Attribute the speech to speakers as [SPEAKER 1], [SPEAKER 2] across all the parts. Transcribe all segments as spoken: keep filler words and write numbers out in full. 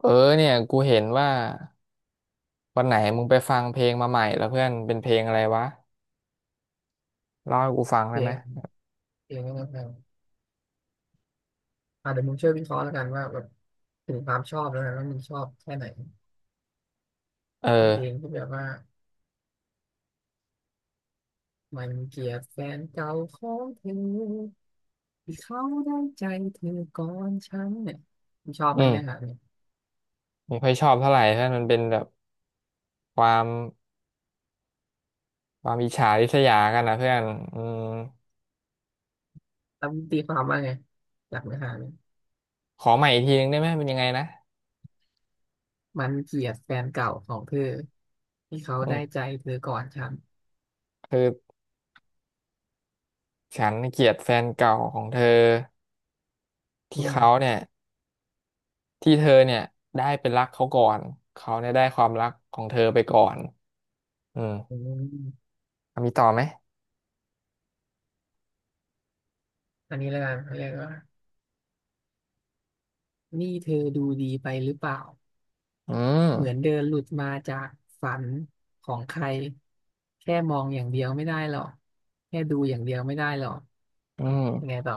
[SPEAKER 1] เออเนี่ยกูเห็นว่าวันไหนมึงไปฟังเพลงมาใหม่แล้วเพื่อนเป็นเพลงอะไรวะเล่าให้กูฟัง
[SPEAKER 2] เพ
[SPEAKER 1] ได้
[SPEAKER 2] ล
[SPEAKER 1] ไหม
[SPEAKER 2] งเพลงนั่นนะอ่าเดี๋ยวมึงช่วยวิเคราะห์แล้วกันว่าแบบถึงความชอบแล้วกันว่ามึงชอบแค่ไหน
[SPEAKER 1] เอ
[SPEAKER 2] เป็นเพลง
[SPEAKER 1] อ
[SPEAKER 2] ที่แบบว่ามันเกลียดแฟนเก่าของเธอที่เขาได้ใจเธอก่อนฉันเนี่ยมึงชอบไห
[SPEAKER 1] อื
[SPEAKER 2] มเนื้อหา
[SPEAKER 1] ม
[SPEAKER 2] เนี่ย
[SPEAKER 1] ไม่ค่อยชอบเท่าไหร่เพื่อนมันเป็นแบบความความอิจฉาริษยากันนะเพื่อนอืม
[SPEAKER 2] แล้วมึงตีความว่าไงจากเนื้อหาเนี่ย
[SPEAKER 1] ขอใหม่อีกทีนึงได้ไหมเป็นยังไงนะ
[SPEAKER 2] มันเกลียดแฟนเก่าของเธอที่เขา
[SPEAKER 1] อื
[SPEAKER 2] ได้ใจ
[SPEAKER 1] ม
[SPEAKER 2] เธอก่อนฉัน
[SPEAKER 1] คือฉันเกลียดแฟนเก่าของเธอ
[SPEAKER 2] อื
[SPEAKER 1] ที่เขา
[SPEAKER 2] ม
[SPEAKER 1] เนี่ยที่เธอเนี่ยได้เป็นรักเขาก่อนเขาเนี่ยได้ความรักของเธอไปก่อนอืม
[SPEAKER 2] อม
[SPEAKER 1] มีต่อไหม
[SPEAKER 2] อันนี้แล้วกันเขาเรียกว่านี่เธอดูดีไปหรือเปล่า
[SPEAKER 1] อืม
[SPEAKER 2] เหมือนเดินหลุดมาจากฝันของใครแค่มองอย่างเดียวไม่ได้หรอกแค่ดูอย่างเดียวไม่ได้หรอก
[SPEAKER 1] อื
[SPEAKER 2] ยังไง
[SPEAKER 1] ม
[SPEAKER 2] ต่อ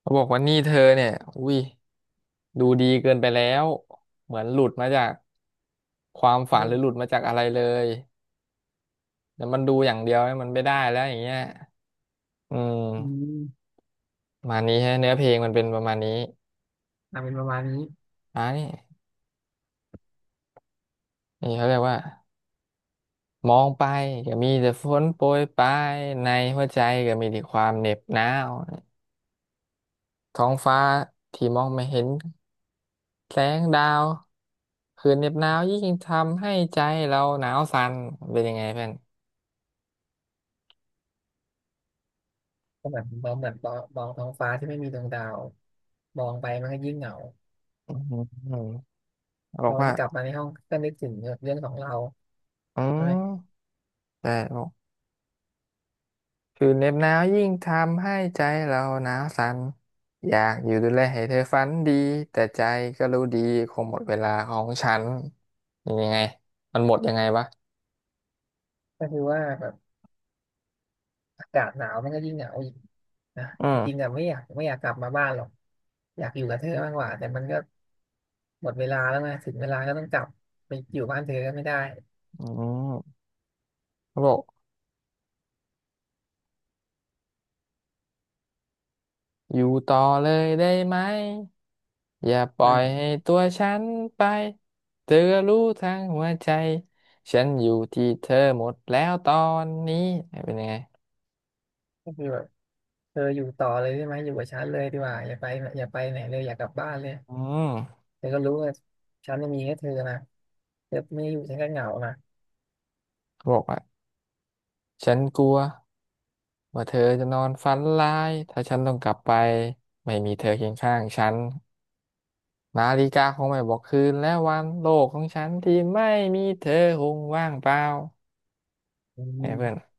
[SPEAKER 1] เขาบอกว่านี่เธอเนี่ยอุ้ยดูดีเกินไปแล้วเหมือนหลุดมาจากความฝัน
[SPEAKER 2] รู
[SPEAKER 1] หรือหลุด
[SPEAKER 2] ป
[SPEAKER 1] มาจากอะไรเลยแต่มันดูอย่างเดียวเนี่ยมันไม่ได้แล้วอย่างเงี้ยอืม
[SPEAKER 2] อืม
[SPEAKER 1] ประมาณนี้ฮะเนื้อเพลงมันเป็นประมาณนี้
[SPEAKER 2] อ่ะเป็นประมาณนี้
[SPEAKER 1] อ่านี่นี่เขาเรียกว่ามองไปก็มีแต่ฝนโปรยปลายในหัวใจก็มีแต่ความเหน็บหนาวท้องฟ้าที่มองไม่เห็นแสงดาวคืนเหน็บหนาวยิ่งทำให้ใจเราหนาวสั่นเป็นยังไงเพื่อน
[SPEAKER 2] ก็แบบมองแบบมองมองท้องฟ้าที่ไม่มีดวงดาวมองไปมันก็ยิ่งเหงา
[SPEAKER 1] อืม
[SPEAKER 2] พ
[SPEAKER 1] บอ
[SPEAKER 2] อ
[SPEAKER 1] ก
[SPEAKER 2] มัน
[SPEAKER 1] ว่า
[SPEAKER 2] กลับมาในห้องก็นึกถึงเรื่องของเรา
[SPEAKER 1] อื
[SPEAKER 2] ใช่ไหม
[SPEAKER 1] มแต่บอกคือเหน็บหนาวยิ่งทำให้ใจเราหนาวสั่นอยากอยู่ดูแลให้เธอฝันดีแต่ใจก็รู้ดีคงหมดเวลาของฉันยังไงมันหมดยังไงวะ
[SPEAKER 2] ก็คือว่าแบบอากาศหนาวมันก็ยิ่งเหงาอีกนะ
[SPEAKER 1] อื
[SPEAKER 2] จริงๆ
[SPEAKER 1] ม
[SPEAKER 2] อะไม่อยากไม่อยากกลับมาบ้านหรอกอยากอยู่กับเธอมากกว่าแต่มันก็ หมดเวลาแล้วไงถึงเวลาก็ต้องกลับไปอยู่บ้านเธอก็ไม่ได้
[SPEAKER 1] อืมเขาบอกอยู่ต่อเลยได้ไหมอย่าป
[SPEAKER 2] อื
[SPEAKER 1] ล่อยให้
[SPEAKER 2] ม
[SPEAKER 1] ตัวฉันไป เธอรู้ทั้งหัวใจฉันอยู่ที่เธอหมดแล้วตอนนี้เป็นยังไง
[SPEAKER 2] ก็คือแบบเธออยู่ต่อเลยได้ไหมอยู่กับฉันเลยดีกว่าอย่าไปอย่าไปไหนเลยอยากกลับบ้านเลย
[SPEAKER 1] อืม
[SPEAKER 2] เธอก็รู้ว่าฉันจะมีแค่เธอนะเธอไม่อยู่ฉันก็เหงานะ
[SPEAKER 1] เขาบอกว่า ฉันกลัวว่าเธอจะนอนฝันร้ายถ้าฉันต้องกลับไปไม่มีเธอเคียงข้างฉันนาฬิกาคงไม่บอกคืนและวันโลกของฉันที่ไม่มีเธอคงว่างเปล่า
[SPEAKER 2] อื
[SPEAKER 1] ไงเพื่อน
[SPEAKER 2] ม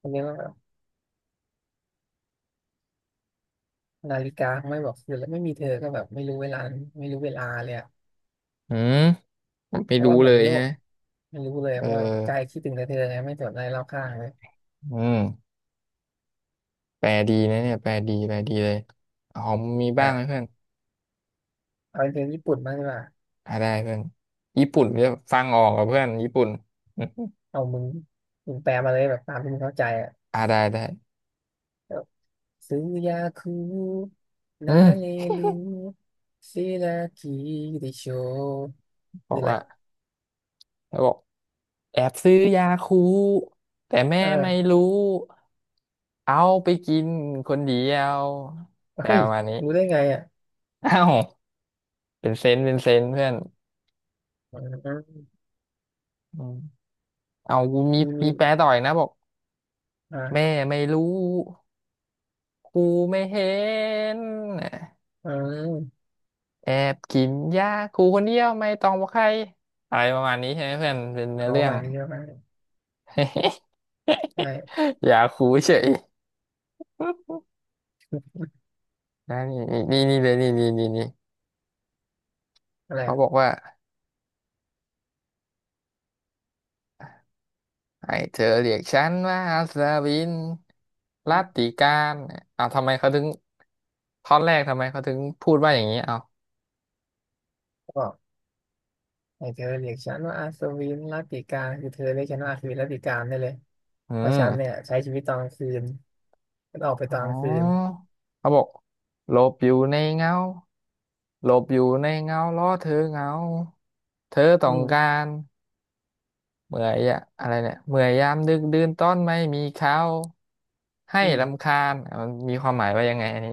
[SPEAKER 2] อันนี้ก็แบบนาฬิกาไม่บอกอยู่แล้วไม่มีเธอก็แบบไม่รู้เวลาไม่รู้เวลาเลยอะ
[SPEAKER 1] อืมไม่
[SPEAKER 2] เพราะ
[SPEAKER 1] รู้
[SPEAKER 2] ว่าเหมื
[SPEAKER 1] เล
[SPEAKER 2] อน
[SPEAKER 1] ย
[SPEAKER 2] โลก
[SPEAKER 1] ฮะ
[SPEAKER 2] ไม่รู้เลย
[SPEAKER 1] เอ
[SPEAKER 2] ว่าใจ
[SPEAKER 1] อ
[SPEAKER 2] คิดถึงแต่เธอไงไม่สนอะไรรอบข้างเลย
[SPEAKER 1] อืมแปลดีนะเนี่ยแปลดีแปลดีเลยหอมมีบ้างไหม
[SPEAKER 2] อ่ะ
[SPEAKER 1] เพื่อน
[SPEAKER 2] เอาเป็นเพลงญี่ปุ่นบ้างดีกว่า
[SPEAKER 1] อ่าได้เพื่อนญี่ปุ่นเนี่ยฟังออกกับเพื่อนญี่ปุ่น
[SPEAKER 2] เอามึงมึงแปลมาเลยแบบตามที่มึงเข้าใจอ่ะ
[SPEAKER 1] อ่าได้ได้
[SPEAKER 2] ซื้อยาคู
[SPEAKER 1] อื
[SPEAKER 2] นาเล
[SPEAKER 1] ม
[SPEAKER 2] ลูซิรากิดิโช
[SPEAKER 1] บ
[SPEAKER 2] คื
[SPEAKER 1] อ
[SPEAKER 2] อ
[SPEAKER 1] ก
[SPEAKER 2] อะไร
[SPEAKER 1] ว่าแล้วบอก แอบซื้อยาคูแต่แม่
[SPEAKER 2] อ
[SPEAKER 1] ไม่
[SPEAKER 2] ่า
[SPEAKER 1] รู้เอาไปกินคนเดียวแปล
[SPEAKER 2] เฮ้ย
[SPEAKER 1] ประมาณนี้
[SPEAKER 2] รู้ได้ไงอ่ะ
[SPEAKER 1] เอ้าเป็นเซนส์เป็นเซนส์เพื่อน
[SPEAKER 2] อ๋อ
[SPEAKER 1] อืมเอากูมี
[SPEAKER 2] มี
[SPEAKER 1] มี
[SPEAKER 2] มี
[SPEAKER 1] แปลต่อยนะบอก
[SPEAKER 2] อ่
[SPEAKER 1] แม่
[SPEAKER 2] า
[SPEAKER 1] ไม่รู้ครูไม่เห็น
[SPEAKER 2] อืม
[SPEAKER 1] แอบกินยาครูคนเดียวไม่ต้องบอกใครอะไรประมาณนี้ใช่ไหมเพื่อนเป็นเนื้อ
[SPEAKER 2] เอา
[SPEAKER 1] เรื่อง
[SPEAKER 2] วางเยอะมากใช่
[SPEAKER 1] ยาครูเฉย นะนี่นี่นี่นี่เลยนี่นี่นี่นี่
[SPEAKER 2] อะไร
[SPEAKER 1] เขา
[SPEAKER 2] อะ
[SPEAKER 1] บอกว่า ให้เธอเรียกฉันว่าสวินรัตติการเอาทำไมเขาถึงท่อนแรกทำไมเขาถึงพูดว่าอย่างนี้เอา
[SPEAKER 2] บอกให้เธอเรียกฉันว่าอาสวินรัตติกาคือเธอเรียกฉันว่าอาสวินรัตติกาได้เลย
[SPEAKER 1] อื
[SPEAKER 2] เพราะฉันเนี่ย
[SPEAKER 1] ม
[SPEAKER 2] ใช้ชีวิตตอนกลางคืนฉันออกไป
[SPEAKER 1] อ๋
[SPEAKER 2] ตอนกลางคืน
[SPEAKER 1] อเขาบอกหลบอยู่ในเงาหลบอยู่ในเงาล้อเธอเหงาเธอ
[SPEAKER 2] อื
[SPEAKER 1] ต้องกา
[SPEAKER 2] ม
[SPEAKER 1] รเมื่อยอะอะไรเนี่ยเมื่อยยามดึกดื่นต้อนไม่มีเขาให้
[SPEAKER 2] อื
[SPEAKER 1] รำ
[SPEAKER 2] ม
[SPEAKER 1] คาญอ่ะมันมีความหมายว่ายังไงอันนี้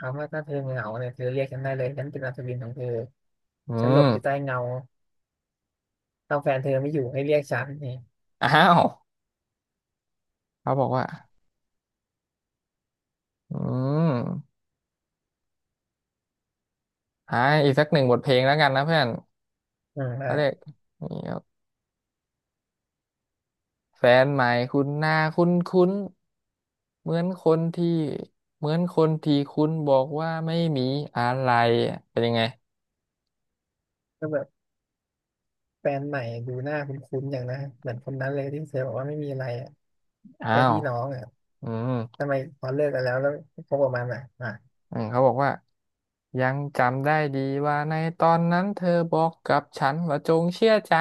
[SPEAKER 2] ถามว่าถ้าเธอเหงาเนี่ยเธอเรียกฉันได้เลยฉันเป็นอัศวินของเธอ
[SPEAKER 1] อื
[SPEAKER 2] ฉันหลบอยู่ใต้
[SPEAKER 1] ม
[SPEAKER 2] เงา ถอาแฟนเธอไม่อยู่ให้เรียกฉันเนี่ย
[SPEAKER 1] อ้าวเขาบอกว่าอืม อ่าอีกสักหนึ่งบทเพลงแล้วกันนะเพื่อน
[SPEAKER 2] อืมได้
[SPEAKER 1] เขาเรียกนี่ครับแฟนใหม่คุณหน้าคุ้นคุ้นเหมือนคนที่เหมือนคนที่คุณบอกว่าไม่มีอะไรอ่ะเป็นยังไง
[SPEAKER 2] ก็แบบแฟนใหม่ดูหน้าคุ้นๆอย่างนะเหมือนคนนั้นเลยที่เธอบอกว่าไม่มีอะไรอ่ะ
[SPEAKER 1] อ้า
[SPEAKER 2] แค่
[SPEAKER 1] ว
[SPEAKER 2] พี่น้องอ่ะ
[SPEAKER 1] อืม
[SPEAKER 2] ทำไมพอเลิกกันแล้วแล้วคบกับมันอ่ะอ่ะ
[SPEAKER 1] อืมเขาบอกว่ายังจำได้ดีว่าในตอนนั้นเธอบอกกับฉันว่าจงเชื่อใจ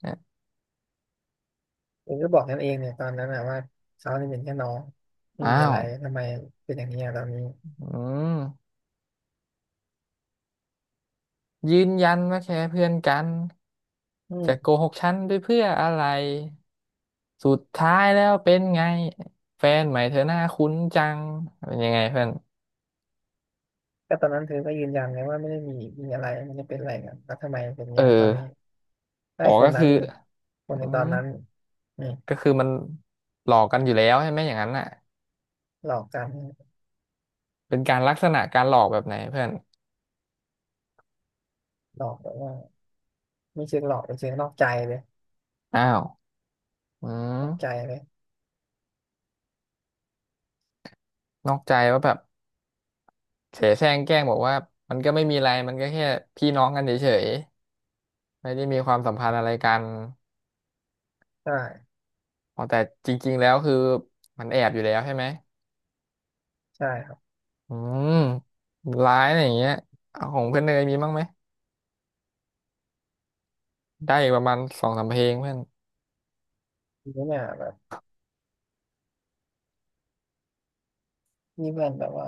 [SPEAKER 1] เนี่ย
[SPEAKER 2] เองก็บอกกันเองเนี่ยตอนนั้นอ่ะว่าเขาเนี่ยเป็นแค่น้องไม่มี
[SPEAKER 1] อ้า
[SPEAKER 2] อะ
[SPEAKER 1] ว
[SPEAKER 2] ไรทำไมเป็นอย่างนี้อ่ะตอนนี้
[SPEAKER 1] อืมยืนยันว่าแค่เพื่อนกัน
[SPEAKER 2] อื
[SPEAKER 1] จะโก
[SPEAKER 2] ม
[SPEAKER 1] หกฉันด้วยเพื่ออะไร สุดท้ายแล้วเป็นไงแฟนใหม่เธอหน้าคุ้นจังเป็นยังไงเพื่อน
[SPEAKER 2] ก็ตอนนั้นเธอก็ยืนยันเลยว่าไม่ได้มีมีอะไรไม่ได้เป็นอะไรกันแล้วทำไมเป็นอย่าง
[SPEAKER 1] เอ
[SPEAKER 2] นี้ตอ
[SPEAKER 1] อ
[SPEAKER 2] นนี้ได้
[SPEAKER 1] อ๋อ
[SPEAKER 2] ค
[SPEAKER 1] ก็
[SPEAKER 2] นนั้
[SPEAKER 1] คื
[SPEAKER 2] น
[SPEAKER 1] อ
[SPEAKER 2] นี่คน
[SPEAKER 1] อื
[SPEAKER 2] ในตอ
[SPEAKER 1] ม
[SPEAKER 2] นนั้นนี่
[SPEAKER 1] ก็คือมันหลอกกันอยู่แล้วใช่ไหมอย่างนั้นน่ะ
[SPEAKER 2] หลอกกัน
[SPEAKER 1] เป็นการลักษณะการหลอกแบบไหนเพื่อน
[SPEAKER 2] หลอกแบบว่าไม่เชิงหลอกเป็นเชิงนอกใจเลย
[SPEAKER 1] อ้าวอื
[SPEAKER 2] นอกใจ
[SPEAKER 1] ม
[SPEAKER 2] เลย
[SPEAKER 1] นอกใจว่าแบบเสแสร้งแกล้งบอกว่ามันก็ไม่มีอะไรมันก็แค่พี่น้องกันเฉยๆไม่ได้มีความสัมพันธ์อะไรกัน
[SPEAKER 2] ใช่
[SPEAKER 1] อ๋อแต่จริงๆแล้วคือมันแอบอยู่แล้วใช่ไหม
[SPEAKER 2] ใช่ครับ
[SPEAKER 1] อืมร้ายอะไรอย่างเงี้ยเอาของเพื่อนเนยมีบ้างไหม ได้อีกประมาณสองสามเพลงเพื่อน
[SPEAKER 2] ทีนี้เนี่ยแบบนี่เพื่อนแบบว่า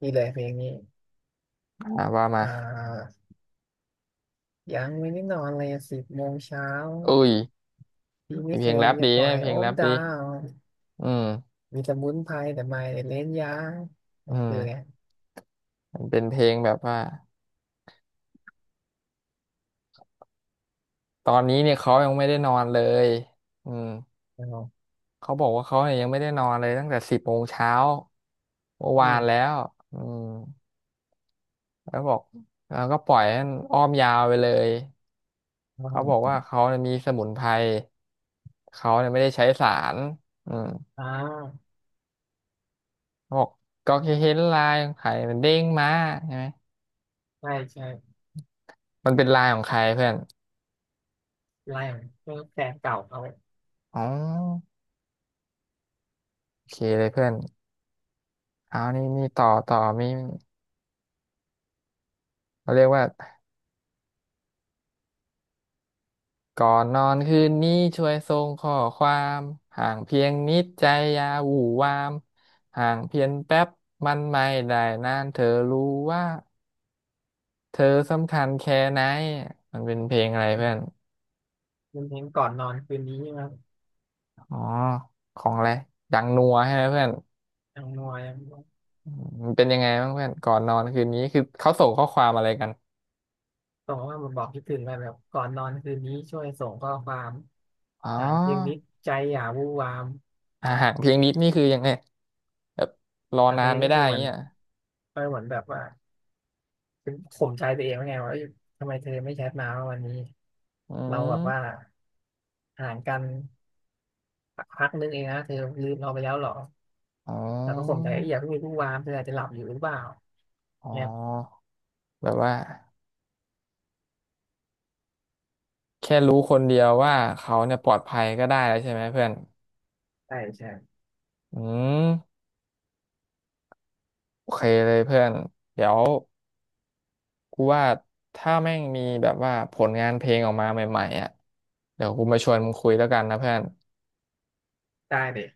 [SPEAKER 2] นี่เลยเพลงนี้
[SPEAKER 1] อ่าว่ามา
[SPEAKER 2] อ่ายังไม่ได้นอนเลยสิบโมงเช้า
[SPEAKER 1] เอ้ย
[SPEAKER 2] พี่
[SPEAKER 1] มี
[SPEAKER 2] ไม่
[SPEAKER 1] เพ
[SPEAKER 2] เค
[SPEAKER 1] ลง
[SPEAKER 2] ย
[SPEAKER 1] แรป
[SPEAKER 2] จะ
[SPEAKER 1] ดี
[SPEAKER 2] ปล่อ
[SPEAKER 1] นะ
[SPEAKER 2] ย
[SPEAKER 1] เพล
[SPEAKER 2] โอ
[SPEAKER 1] งแร
[SPEAKER 2] ม
[SPEAKER 1] ป
[SPEAKER 2] ดา
[SPEAKER 1] ดี
[SPEAKER 2] ว
[SPEAKER 1] อืม
[SPEAKER 2] มีสมุนไพรแต่ไม่ได้เล่นยาเนี่
[SPEAKER 1] อื
[SPEAKER 2] ยคือไง
[SPEAKER 1] มมันเป็นเพลงแบบว่าตอนนี้เนี่ยเขายังไม่ได้นอนเลยอืม
[SPEAKER 2] อ๋อ
[SPEAKER 1] เขาบอกว่าเขาเนี่ยยังไม่ได้นอนเลยตั้งแต่สิบโมงเช้าเมื่อ
[SPEAKER 2] อื
[SPEAKER 1] วานแล้
[SPEAKER 2] ม
[SPEAKER 1] วอืมแล้วบอกแล้วก็ปล่อยให้มันอ้อมยาวไปเลย
[SPEAKER 2] อ๋
[SPEAKER 1] เขาบอก
[SPEAKER 2] อ
[SPEAKER 1] ว่าเขาเนี่ยมีสมุนไพรเขาเนี่ยไม่ได้ใช้สารอืม
[SPEAKER 2] อ่า
[SPEAKER 1] เขาบอกก็แค่เห็นลายของไข่มันเด้งมาใช่ไหม
[SPEAKER 2] ใช่ใช่
[SPEAKER 1] มันเป็นไลน์ของใครเพื่อน
[SPEAKER 2] ไล่เพลงแฟนเก่าเขาเป
[SPEAKER 1] อ๋อโอเคเลยเพื่อนเอานี่นี่ต่อต่อมีเราเรียกว่าก่อนนอนคืนนี้ช่วยส่งข้อความห่างเพียงนิดใจอย่าหวู่วามห่างเพียงแป๊บมันไม่ได้นานเธอรู้ว่าเธอสำคัญแค่ไหนมันเป็นเพลงอะไรเพื่อน
[SPEAKER 2] ็นเพลงก่อนนอนคืนนี้ครับ
[SPEAKER 1] อ๋อของอะไรดังนัวใช่ไหมเพื่อน
[SPEAKER 2] ทางนวย
[SPEAKER 1] อืมมันเป็นยังไงบ้างเพื่อนก่อนนอนคืนนี้คือเขาส่งข้อความอะไรกัน
[SPEAKER 2] ส่งว่ามาบอกคิดถึงกันแบบก่อนนอนคืนนี้ช่วยส่งข้อความ
[SPEAKER 1] อ๋
[SPEAKER 2] ทางเพลงนี้
[SPEAKER 1] อ
[SPEAKER 2] ใจอย่าวู่วาม
[SPEAKER 1] อ่าห่างเพียงนิดนี่คือยังไง แบบรอ
[SPEAKER 2] อ่ะเพ
[SPEAKER 1] นา
[SPEAKER 2] ลง
[SPEAKER 1] น
[SPEAKER 2] นี้
[SPEAKER 1] ไม่
[SPEAKER 2] ก็
[SPEAKER 1] ได้
[SPEAKER 2] คือเหมือน
[SPEAKER 1] เงี้ย
[SPEAKER 2] ก็เหมืันแบบว่าป็นข่มใจตัวเองว่าไงว่าเอ้ยทำไมเธอไม่แชทมาว่าวันนี้
[SPEAKER 1] อื
[SPEAKER 2] เราแบบว่า
[SPEAKER 1] ม
[SPEAKER 2] ห่างกันพักนึงเองนะเธอลืมเราไปแล้วเหรอ
[SPEAKER 1] อ๋
[SPEAKER 2] แต่ก็ข่มใจ
[SPEAKER 1] อ
[SPEAKER 2] เอ้ยอย่าเพิ่งมีผู้วามเธออาจจะหลับอยู่หรือเปล่า
[SPEAKER 1] อ๋อ
[SPEAKER 2] เนี่ย
[SPEAKER 1] แบบว่าแค่รู้คนเดียวว่าเขาเนี่ยปลอดภัยก็ได้แล้วใช่ไหมเพื่อน
[SPEAKER 2] ใช่ใช่
[SPEAKER 1] อืมโอเคเลยเพื่อนเดี๋ยวกูว่าถ้าแม่งมีแบบว่าผลงานเพลงออกมาใหม่ๆอ่ะเดี๋ยวกูมาชวนมึงคุยแล้วกันนะเพื่อน
[SPEAKER 2] ได้เลย